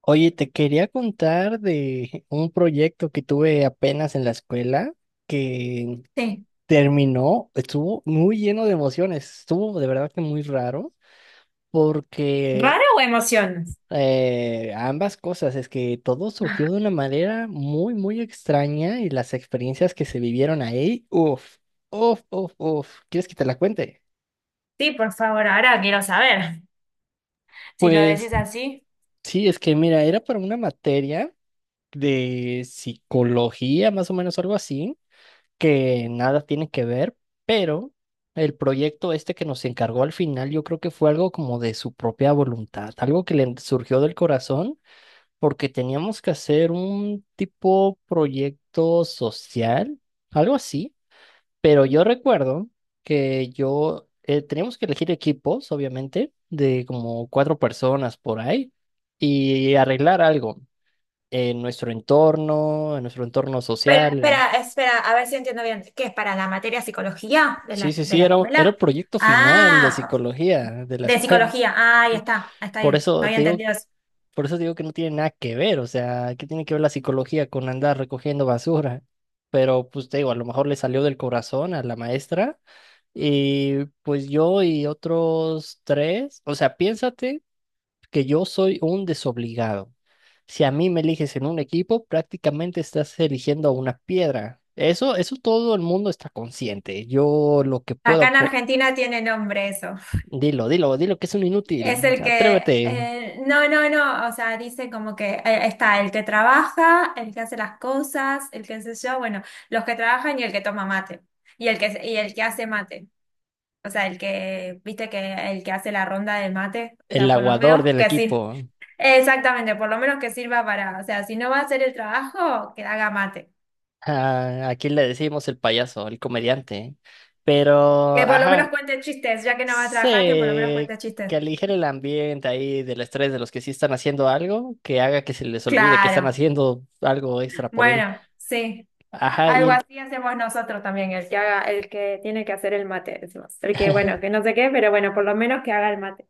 Oye, te quería contar de un proyecto que tuve apenas en la escuela que Sí. terminó, estuvo muy lleno de emociones, estuvo de verdad que muy raro porque ¿Raro o emociones? Ambas cosas, es que todo surgió de una manera muy, muy extraña y las experiencias que se vivieron ahí, uff, uff, uff, uff, ¿quieres que te la cuente? Sí, por favor, ahora quiero saber. Si lo Pues decís así. sí, es que mira, era para una materia de psicología, más o menos algo así que nada tiene que ver, pero el proyecto este que nos encargó al final, yo creo que fue algo como de su propia voluntad, algo que le surgió del corazón, porque teníamos que hacer un tipo proyecto social, algo así, pero yo recuerdo que yo teníamos que elegir equipos, obviamente, de como cuatro personas por ahí y arreglar algo en nuestro entorno Pero social. espera, espera, a ver si entiendo bien. ¿Qué es para la materia psicología de Sí, la, sí, de sí, la era escuela? el proyecto final de Ah, psicología de la de escuela. psicología. Ah, ahí Sí. está, está Por bien. No eso había te digo, entendido eso. por eso te digo que no tiene nada que ver, o sea, ¿qué tiene que ver la psicología con andar recogiendo basura? Pero pues te digo, a lo mejor le salió del corazón a la maestra y pues yo y otros tres, o sea, piénsate que yo soy un desobligado. Si a mí me eliges en un equipo, prácticamente estás eligiendo a una piedra. Eso todo el mundo está consciente. Yo lo que puedo Acá en aportar. Argentina tiene nombre eso. Dilo, dilo, dilo que es un Es inútil. el que, Atrévete. No, no, no, o sea, dice como que está el que trabaja, el que hace las cosas, el que sé yo, bueno, los que trabajan y el que toma mate. Y el que hace mate. O sea, el que, viste que el que hace la ronda del mate, o El sea, por lo aguador menos del que sirva. equipo. Exactamente, por lo menos que sirva para, o sea, si no va a hacer el trabajo, que haga mate. Ah, aquí le decimos el payaso, el comediante. Pero, Que por lo menos ajá, cuente chistes, ya que no va a trabajar, que por lo menos sé cuente chistes. que aligere el ambiente ahí del estrés de los que sí están haciendo algo, que haga que se les olvide que están Claro. haciendo algo extra por él. Bueno, sí. Ajá. Algo Y así hacemos nosotros también, el que haga, el que tiene que hacer el mate, decimos. El que, bueno, que no sé qué, pero bueno, por lo menos que haga el mate.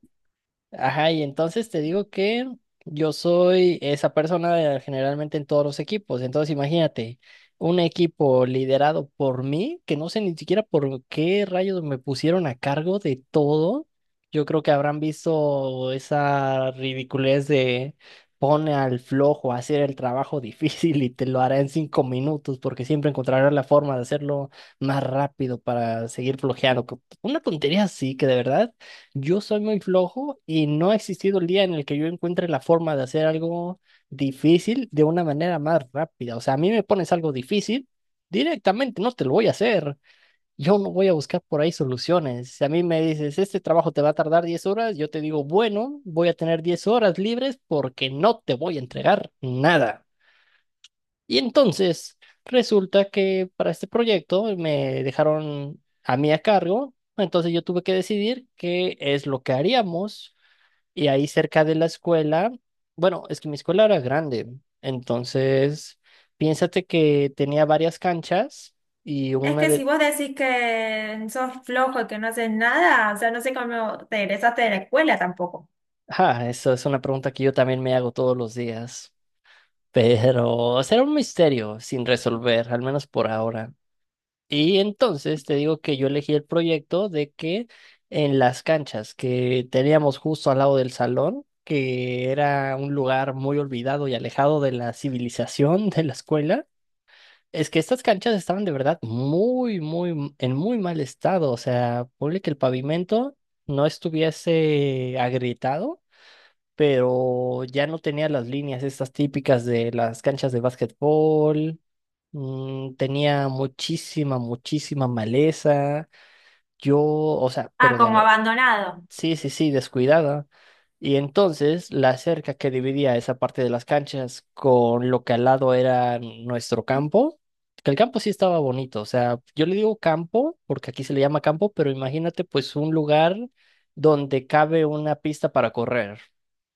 ajá, y entonces te digo que yo soy esa persona generalmente en todos los equipos. Entonces imagínate, un equipo liderado por mí, que no sé ni siquiera por qué rayos me pusieron a cargo de todo. Yo creo que habrán visto esa ridiculez de pone al flojo a hacer el trabajo difícil y te lo hará en 5 minutos, porque siempre encontrarás la forma de hacerlo más rápido para seguir flojeando. Una tontería así que de verdad. Yo soy muy flojo y no ha existido el día en el que yo encuentre la forma de hacer algo difícil de una manera más rápida. O sea, a mí me pones algo difícil, directamente no te lo voy a hacer. Yo no voy a buscar por ahí soluciones. Si a mí me dices, este trabajo te va a tardar 10 horas, yo te digo, bueno, voy a tener 10 horas libres porque no te voy a entregar nada. Y entonces resulta que para este proyecto me dejaron a mí a cargo, entonces yo tuve que decidir qué es lo que haríamos y ahí cerca de la escuela, bueno, es que mi escuela era grande, entonces piénsate que tenía varias canchas y Es una que si de... vos decís que sos flojo y que no haces nada, o sea, no sé cómo te egresaste de la escuela tampoco. Ah, esa es una pregunta que yo también me hago todos los días, pero será un misterio sin resolver, al menos por ahora. Y entonces te digo que yo elegí el proyecto de que en las canchas que teníamos justo al lado del salón, que era un lugar muy olvidado y alejado de la civilización de la escuela, es que estas canchas estaban de verdad muy, muy, en muy mal estado. O sea, ponle que el pavimento no estuviese agrietado, pero ya no tenía las líneas estas típicas de las canchas de básquetbol. Tenía muchísima, muchísima maleza. Yo, o sea. Ah, como abandonado. Sí, sí, sí, descuidada. Y entonces la cerca que dividía esa parte de las canchas con lo que al lado era nuestro campo, que el campo sí estaba bonito, o sea, yo le digo campo porque aquí se le llama campo, pero imagínate pues un lugar donde cabe una pista para correr,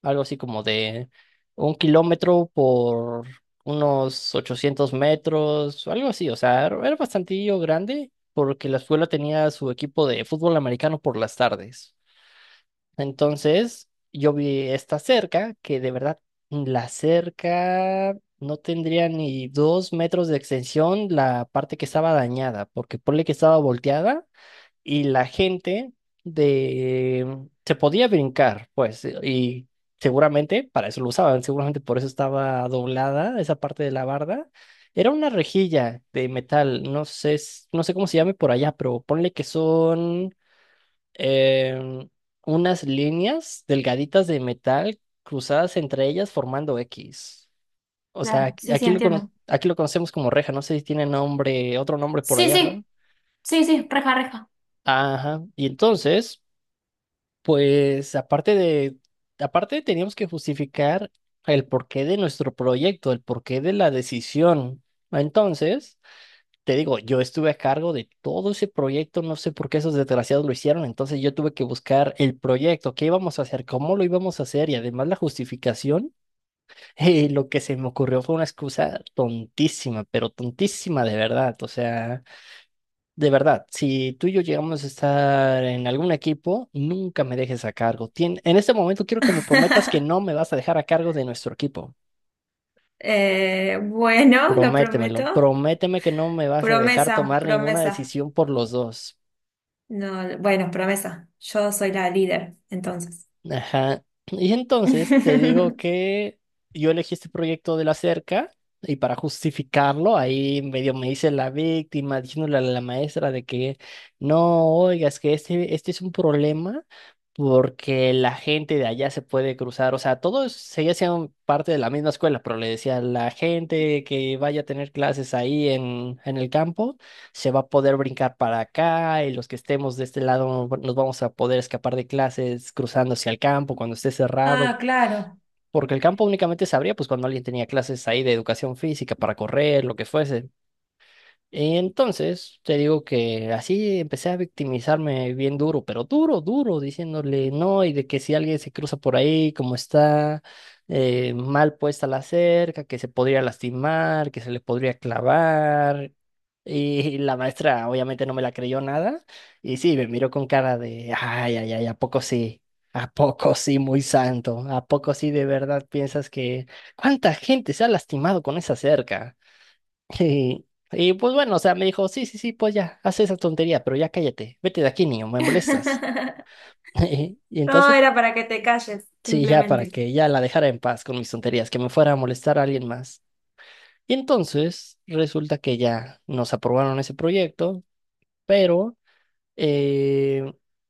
algo así como de 1 kilómetro por unos 800 metros, o algo así, o sea, era bastantillo grande porque la escuela tenía su equipo de fútbol americano por las tardes. Entonces, yo vi esta cerca, que de verdad, la cerca no tendría ni 2 metros de extensión la parte que estaba dañada, porque ponle que estaba volteada y la gente de... se podía brincar, pues, y seguramente para eso lo usaban, seguramente por eso estaba doblada esa parte de la barda. Era una rejilla de metal, no sé, no sé cómo se llame por allá, pero ponle que son em, unas líneas delgaditas de metal cruzadas entre ellas formando X. O sea, Claro, sí, sí, entiendo. aquí lo conocemos como reja, no sé si tiene nombre, otro nombre por Sí, allá, raro. sí, sí, sí, reja, reja. Ajá. Y entonces, pues aparte teníamos que justificar el porqué de nuestro proyecto, el porqué de la decisión. Entonces, te digo, yo estuve a cargo de todo ese proyecto, no sé por qué esos desgraciados lo hicieron, entonces yo tuve que buscar el proyecto, qué íbamos a hacer, cómo lo íbamos a hacer y además la justificación, lo que se me ocurrió fue una excusa tontísima, pero tontísima de verdad, o sea, de verdad, si tú y yo llegamos a estar en algún equipo, nunca me dejes a cargo. En este momento quiero que me prometas que no me vas a dejar a cargo de nuestro equipo. Bueno, lo Prométemelo, prometo. prométeme que no me vas a dejar Promesa, tomar ninguna promesa. decisión por los dos. No, bueno, promesa. Yo soy la líder, entonces. Ajá. Y entonces te digo que yo elegí este proyecto de la cerca y para justificarlo ahí medio me hice la víctima diciéndole a la maestra de que no, oiga, es que este es un problema porque la gente de allá se puede cruzar, o sea, todos seguían siendo parte de la misma escuela, pero le decía la gente que vaya a tener clases ahí en el campo se va a poder brincar para acá y los que estemos de este lado bueno, nos vamos a poder escapar de clases cruzando hacia el campo cuando esté Ah, cerrado, claro. porque el campo únicamente se abría pues cuando alguien tenía clases ahí de educación física para correr, lo que fuese. Entonces, te digo que así empecé a victimizarme bien duro, pero duro, duro, diciéndole no y de que si alguien se cruza por ahí, como está mal puesta la cerca, que se podría lastimar, que se le podría clavar, y la maestra obviamente no me la creyó nada. Y sí, me miró con cara de, ay, ay, ay, ¿a poco sí? ¿A poco sí, muy santo? ¿A poco sí de verdad piensas que cuánta gente se ha lastimado con esa cerca? Y, y pues bueno, o sea, me dijo, sí, sí, sí, pues ya, haz esa tontería, pero ya cállate, vete de aquí, niño, me molestas. Y No, entonces, era para que te calles, sí, ya simplemente. para que ya la dejara en paz con mis tonterías, que me fuera a molestar a alguien más. Y entonces, resulta que ya nos aprobaron ese proyecto, pero... Eh,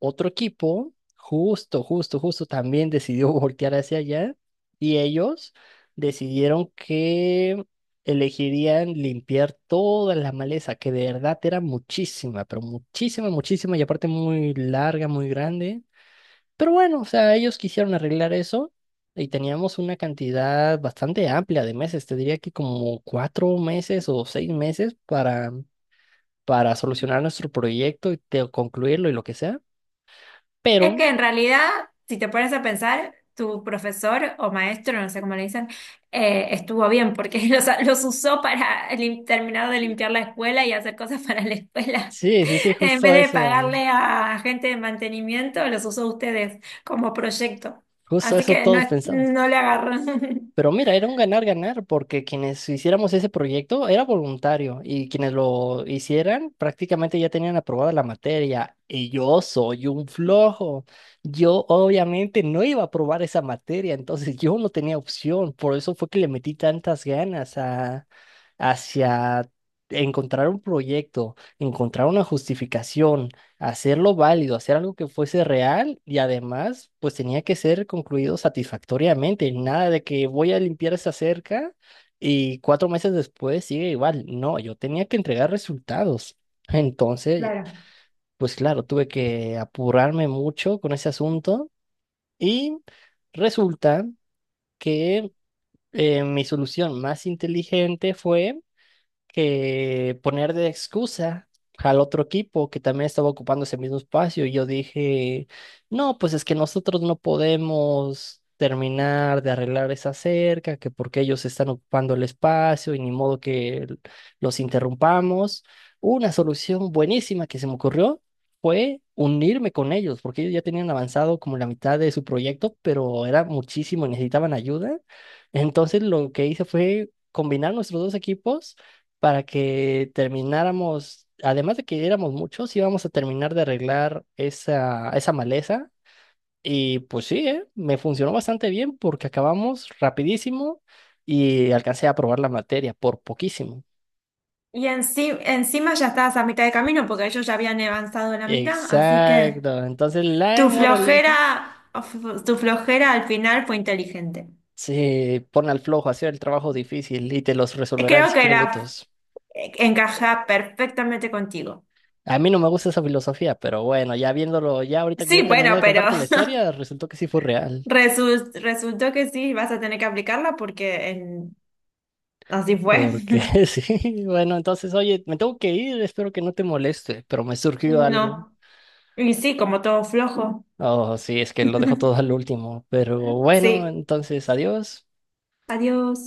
otro equipo, justo, justo, justo, también decidió voltear hacia allá y ellos decidieron que elegirían limpiar toda la maleza, que de verdad era muchísima, pero muchísima, muchísima y aparte muy larga, muy grande. Pero bueno, o sea, ellos quisieron arreglar eso y teníamos una cantidad bastante amplia de meses, te diría que como 4 meses o 6 meses para solucionar nuestro proyecto y concluirlo y lo que sea. Es Pero que en realidad, si te pones a pensar, tu profesor o maestro, no sé cómo le dicen, estuvo bien porque los usó para terminar de limpiar la escuela y hacer cosas para la escuela. sí, sí, sí, En vez justo de eso. pagarle a gente de mantenimiento, los usó ustedes como proyecto. Justo Así eso que no, todos pensamos. no le agarró. Pero mira, era un ganar-ganar porque quienes hiciéramos ese proyecto era voluntario y quienes lo hicieran prácticamente ya tenían aprobada la materia y yo soy un flojo. Yo obviamente no iba a aprobar esa materia, entonces yo no tenía opción. Por eso fue que le metí tantas ganas hacia encontrar un proyecto, encontrar una justificación hacerlo válido, hacer algo que fuese real y además pues tenía que ser concluido satisfactoriamente, nada de que voy a limpiar esa cerca y 4 meses después sigue igual, no, yo tenía que entregar resultados. Entonces, Claro. pues claro, tuve que apurarme mucho con ese asunto y resulta que mi solución más inteligente fue que poner de excusa al otro equipo que también estaba ocupando ese mismo espacio. Y yo dije, no, pues es que nosotros no podemos terminar de arreglar esa cerca, que porque ellos están ocupando el espacio y ni modo que los interrumpamos. Una solución buenísima que se me ocurrió fue unirme con ellos, porque ellos ya tenían avanzado como la mitad de su proyecto, pero era muchísimo, y necesitaban ayuda. Entonces lo que hice fue combinar nuestros dos equipos para que termináramos, además de que éramos muchos, íbamos a terminar de arreglar esa maleza. Y pues sí, ¿eh? Me funcionó bastante bien porque acabamos rapidísimo y alcancé a aprobar la materia por poquísimo. Y encima ya estabas a mitad de camino porque ellos ya habían avanzado la mitad, así que Exacto. Entonces la tu moraleja flojera, tu flojera al final fue inteligente. se pone al flojo, hacer el trabajo difícil y te los resolverá en Creo cinco que la minutos. encaja perfectamente contigo. A mí no me gusta esa filosofía, pero bueno, ya viéndolo, ya ahorita que Sí, ya terminé bueno, de pero contarte la historia, resultó que sí fue real. Resultó que sí, vas a tener que aplicarla porque así fue. Porque sí, bueno, entonces, oye, me tengo que ir, espero que no te moleste, pero me surgió algo. No. Y sí, como todo flojo. Oh, sí, es que lo dejo todo al último, pero bueno, Sí. entonces, adiós. Adiós.